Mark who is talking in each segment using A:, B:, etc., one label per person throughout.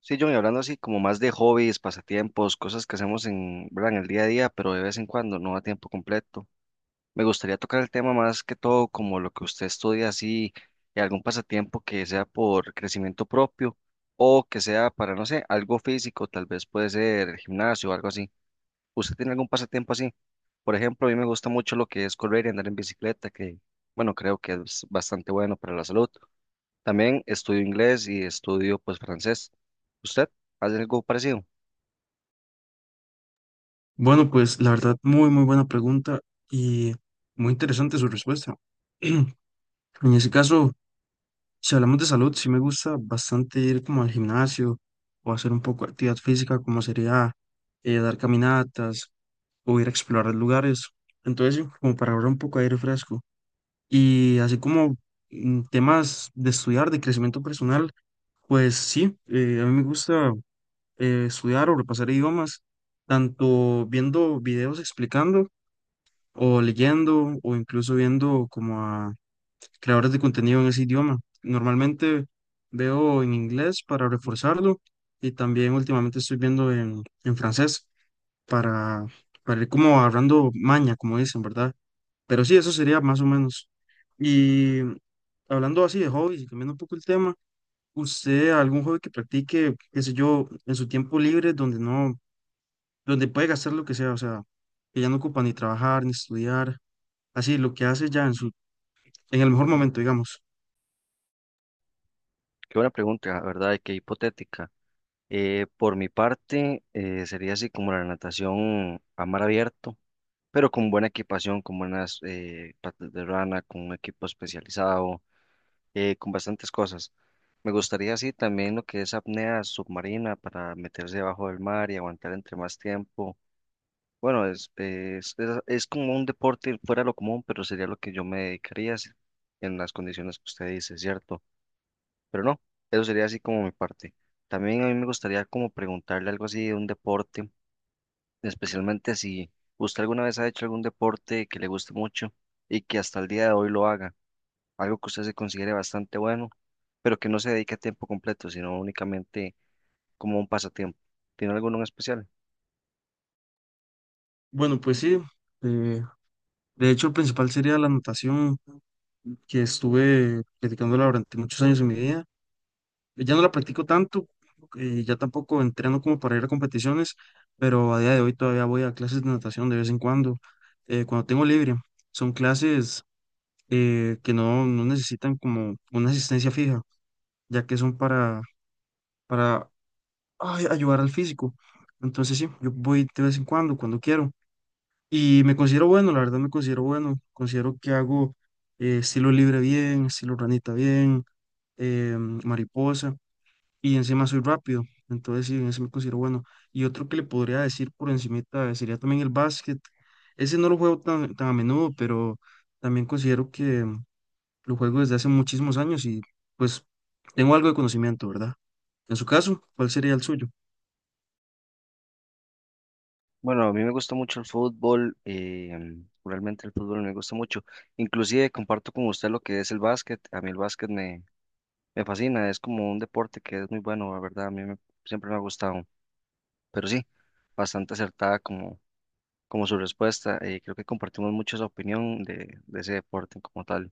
A: Sí, John, y hablando así como más de hobbies, pasatiempos, cosas que hacemos en, ¿verdad? En el día a día, pero de vez en cuando, no a tiempo completo. Me gustaría tocar el tema más que todo como lo que usted estudia así, y algún pasatiempo que sea por crecimiento propio o que sea para, no sé, algo físico, tal vez puede ser el gimnasio o algo así. ¿Usted tiene algún pasatiempo así? Por ejemplo, a mí me gusta mucho lo que es correr y andar en bicicleta, que bueno, creo que es bastante bueno para la salud. También estudio inglés y estudio pues francés. ¿Usted hace algo parecido?
B: Bueno, pues la verdad, muy buena pregunta y muy interesante su respuesta. En ese caso, si hablamos de salud, sí me gusta bastante ir como al gimnasio o hacer un poco de actividad física, como sería dar caminatas o ir a explorar lugares. Entonces, sí, como para ahorrar un poco de aire fresco. Y así como temas de estudiar, de crecimiento personal, pues sí, a mí me gusta estudiar o repasar idiomas, tanto viendo videos explicando o leyendo o incluso viendo como a creadores de contenido en ese idioma. Normalmente veo en inglés para reforzarlo y también últimamente estoy viendo en francés para, para ir como agarrando maña, como dicen, ¿verdad? Pero sí, eso sería más o menos. Y hablando así de hobbies y cambiando un poco el tema, ¿usted algún hobby que practique, qué sé yo, en su tiempo libre, donde no, donde puede gastar lo que sea, o sea, que ya no ocupa ni trabajar, ni estudiar? Así lo que hace ya en su, en el mejor momento, digamos.
A: Qué buena pregunta, la ¿verdad? Y qué hipotética. Por mi parte, sería así como la natación a mar abierto, pero con buena equipación, con buenas patas de rana, con un equipo especializado, con bastantes cosas. Me gustaría así también lo que es apnea submarina para meterse debajo del mar y aguantar entre más tiempo. Bueno, es como un deporte fuera de lo común, pero sería lo que yo me dedicaría en las condiciones que usted dice, ¿cierto? Pero no, eso sería así como mi parte. También a mí me gustaría como preguntarle algo así de un deporte, especialmente si usted alguna vez ha hecho algún deporte que le guste mucho y que hasta el día de hoy lo haga, algo que usted se considere bastante bueno, pero que no se dedique a tiempo completo, sino únicamente como un pasatiempo. ¿Tiene alguno en especial?
B: Bueno, pues sí, eh, de hecho, el principal sería la natación que estuve practicándola durante muchos años en mi vida. Ya no la practico tanto, ya tampoco entreno como para ir a competiciones, pero a día de hoy todavía voy a clases de natación de vez en cuando, cuando tengo libre. Son clases que no necesitan como una asistencia fija, ya que son para ayudar al físico. Entonces sí, yo voy de vez en cuando, cuando quiero. Y me considero bueno, la verdad me considero bueno. Considero que hago estilo libre bien, estilo ranita bien, mariposa, y encima soy rápido. Entonces sí, en ese me considero bueno. Y otro que le podría decir por encimita sería también el básquet. Ese no lo juego tan a menudo, pero también considero que lo juego desde hace muchísimos años y pues tengo algo de conocimiento, ¿verdad? En su caso, ¿cuál sería el suyo?
A: Bueno, a mí me gusta mucho el fútbol, realmente el fútbol me gusta mucho. Inclusive comparto con usted lo que es el básquet. A mí el básquet me fascina, es como un deporte que es muy bueno, la verdad, siempre me ha gustado. Pero sí, bastante acertada como su respuesta. Creo que compartimos mucho esa opinión de ese deporte como tal.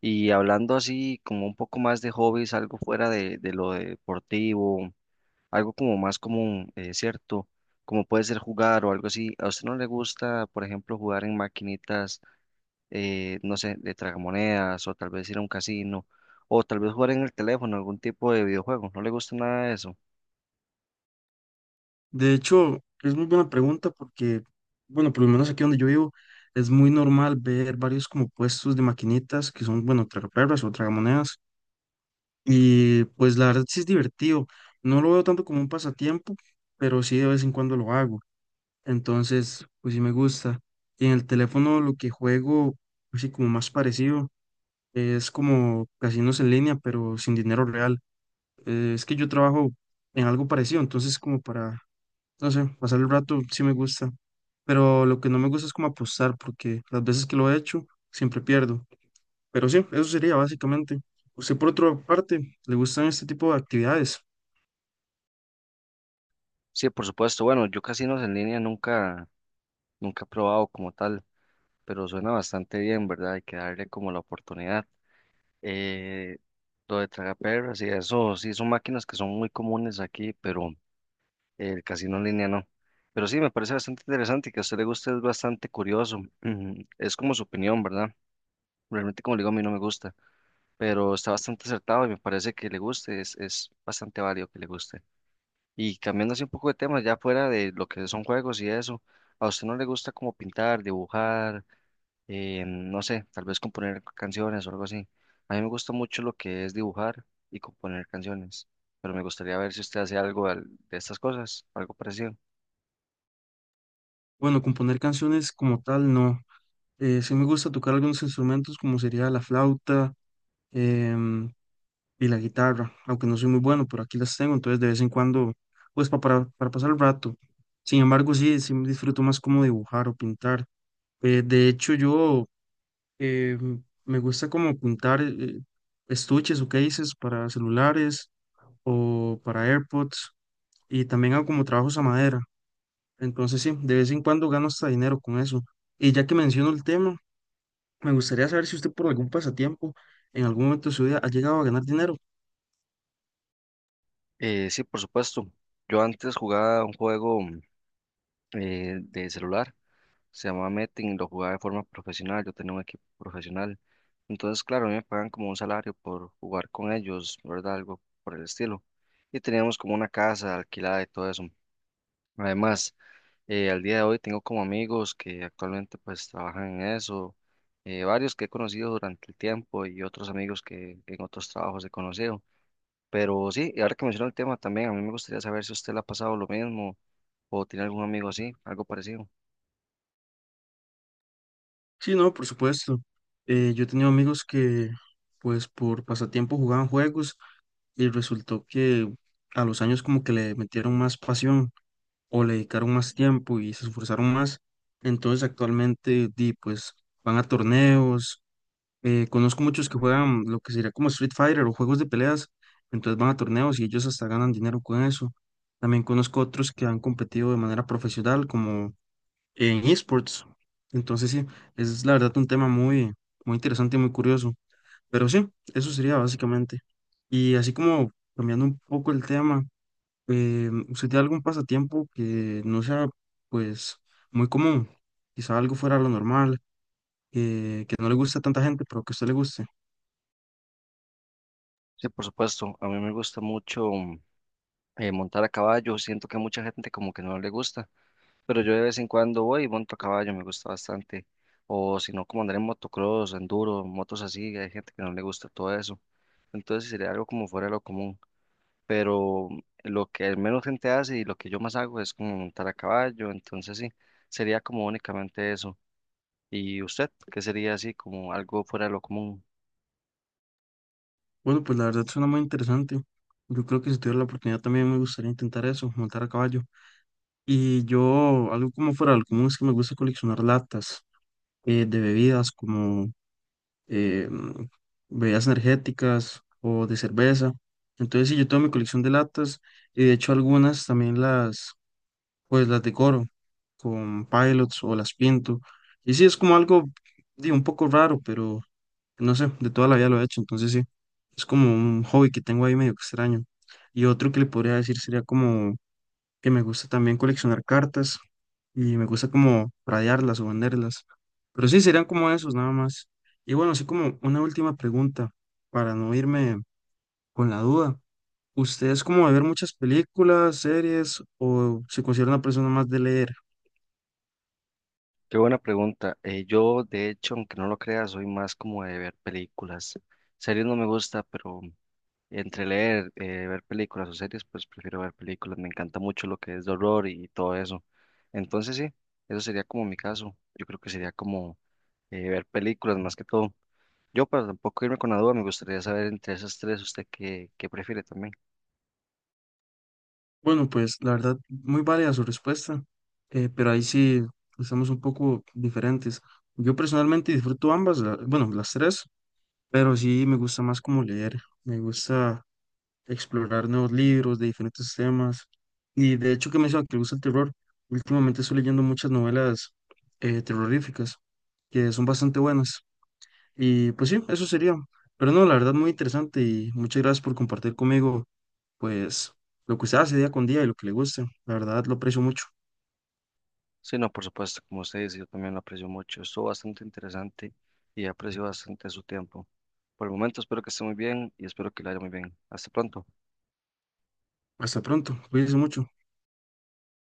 A: Y hablando así como un poco más de hobbies, algo fuera de lo deportivo, algo como más común, ¿cierto? Como puede ser jugar o algo así. ¿A usted no le gusta, por ejemplo, jugar en maquinitas, no sé, de tragamonedas o tal vez ir a un casino o tal vez jugar en el teléfono, algún tipo de videojuego? ¿No le gusta nada de eso?
B: De hecho, es muy buena pregunta porque, bueno, por lo menos aquí donde yo vivo, es muy normal ver varios como puestos de maquinitas que son, bueno, tragaperras o tragamonedas. Y pues la verdad sí es divertido. No lo veo tanto como un pasatiempo, pero sí de vez en cuando lo hago. Entonces, pues sí me gusta. Y en el teléfono lo que juego, así como más parecido, es como casinos en línea, pero sin dinero real. Es que yo trabajo en algo parecido, entonces como para no sé, pasar el rato sí me gusta, pero lo que no me gusta es como apostar, porque las veces que lo he hecho siempre pierdo. Pero sí, eso sería básicamente. Usted por otra parte, ¿le gustan este tipo de actividades?
A: Sí, por supuesto. Bueno, yo casinos en línea nunca he probado como tal, pero suena bastante bien, ¿verdad? Hay que darle como la oportunidad. Eh, lo de tragaperras y eso, sí, son máquinas que son muy comunes aquí, pero… El casino en línea no. Pero sí, me parece bastante interesante y que a usted le guste es bastante curioso. Ujú, es como su opinión, ¿verdad? Realmente, como le digo, a mí no me gusta, pero está bastante acertado y me parece que le guste, es bastante válido que le guste. Y cambiando así un poco de tema, ya fuera de lo que son juegos y eso, ¿a usted no le gusta como pintar, dibujar, no sé, tal vez componer canciones o algo así? A mí me gusta mucho lo que es dibujar y componer canciones, pero me gustaría ver si usted hace de estas cosas, algo parecido.
B: Bueno, componer canciones como tal, no. Sí me gusta tocar algunos instrumentos como sería la flauta em, y la guitarra, aunque no soy muy bueno, pero aquí las tengo, entonces de vez en cuando, pues para pasar el rato. Sin embargo, sí disfruto más como dibujar o pintar. De hecho, yo eh, me gusta como pintar estuches o cases para celulares o para AirPods y también hago como trabajos a madera. Entonces sí, de vez en cuando gano hasta dinero con eso. Y ya que menciono el tema, me gustaría saber si usted por algún pasatiempo en algún momento de su vida ha llegado a ganar dinero.
A: Sí, por supuesto. Yo antes jugaba un juego, de celular, se llamaba Metin, lo jugaba de forma profesional, yo tenía un equipo profesional. Entonces, claro, a mí me pagan como un salario por jugar con ellos, ¿verdad? Algo por el estilo. Y teníamos como una casa alquilada y todo eso. Además, al día de hoy tengo como amigos que actualmente pues trabajan en eso, varios que he conocido durante el tiempo y otros amigos que en otros trabajos he conocido. Pero sí, y ahora que mencionó el tema también, a mí me gustaría saber si usted le ha pasado lo mismo o tiene algún amigo así, algo parecido.
B: Sí, no, por supuesto. Yo he tenido amigos que pues por pasatiempo jugaban juegos y resultó que a los años como que le metieron más pasión. O le dedicaron más tiempo y se esforzaron más. Entonces actualmente di, pues van a torneos. Conozco muchos que juegan lo que sería como Street Fighter o juegos de peleas. Entonces van a torneos y ellos hasta ganan dinero con eso. También conozco otros que han competido de manera profesional como en esports. Entonces sí, es la verdad un tema muy interesante y muy curioso. Pero sí, eso sería básicamente. Y así como cambiando un poco el tema. Usted tiene algún pasatiempo que no sea, pues, muy común? Quizá algo fuera de lo normal, que no le guste a tanta gente, pero que a usted le guste.
A: Sí, por supuesto, a mí me gusta mucho, montar a caballo, siento que a mucha gente como que no le gusta, pero yo de vez en cuando voy y monto a caballo, me gusta bastante. O si no, como andar en motocross, enduro, motos así, hay gente que no le gusta todo eso. Entonces sí sería algo como fuera de lo común, pero lo que menos gente hace y lo que yo más hago es como montar a caballo, entonces sí, sería como únicamente eso. ¿Y usted qué sería así como algo fuera de lo común?
B: Bueno, pues la verdad suena muy interesante. Yo creo que si tuviera la oportunidad también me gustaría intentar eso, montar a caballo. Y yo, algo como fuera de lo común es que me gusta coleccionar latas de bebidas como eh, mm, bebidas energéticas o de cerveza. Entonces, sí, yo tengo mi colección de latas y de hecho algunas también las pues las decoro con Pilots o las pinto. Y sí, es como algo, digo, un poco raro, pero no sé, de toda la vida lo he hecho, entonces sí, es como un hobby que tengo ahí medio extraño. Y otro que le podría decir sería como que me gusta también coleccionar cartas y me gusta como rayarlas o venderlas. Pero sí, serían como esos nada más. Y bueno, así como una última pregunta para no irme con la duda. ¿Usted es como de ver muchas películas, series o se considera una persona más de leer?
A: Qué buena pregunta. Yo, de hecho, aunque no lo crea, soy más como de ver películas. Series no me gusta, pero entre leer, ver películas o series, pues prefiero ver películas. Me encanta mucho lo que es de horror y todo eso. Entonces sí, eso sería como mi caso. Yo creo que sería como ver películas más que todo. Yo, para tampoco irme con la duda, me gustaría saber entre esas tres, ¿usted qué prefiere también?
B: Bueno, pues la verdad, muy válida su respuesta, pero ahí sí estamos un poco diferentes. Yo personalmente disfruto ambas, bueno, las tres, pero sí me gusta más como leer, me gusta explorar nuevos libros de diferentes temas. Y de hecho que menciona que le gusta el terror, últimamente estoy leyendo muchas novelas terroríficas que son bastante buenas. Y pues sí, eso sería. Pero no, la verdad, muy interesante y muchas gracias por compartir conmigo, pues, lo que usted hace día con día y lo que le guste. La verdad, lo aprecio mucho.
A: Sí, no, por supuesto, como usted dice, yo también lo aprecio mucho. Estuvo bastante interesante y aprecio bastante su tiempo. Por el momento, espero que esté muy bien y espero que le vaya muy bien. Hasta pronto.
B: Hasta pronto, cuídense mucho.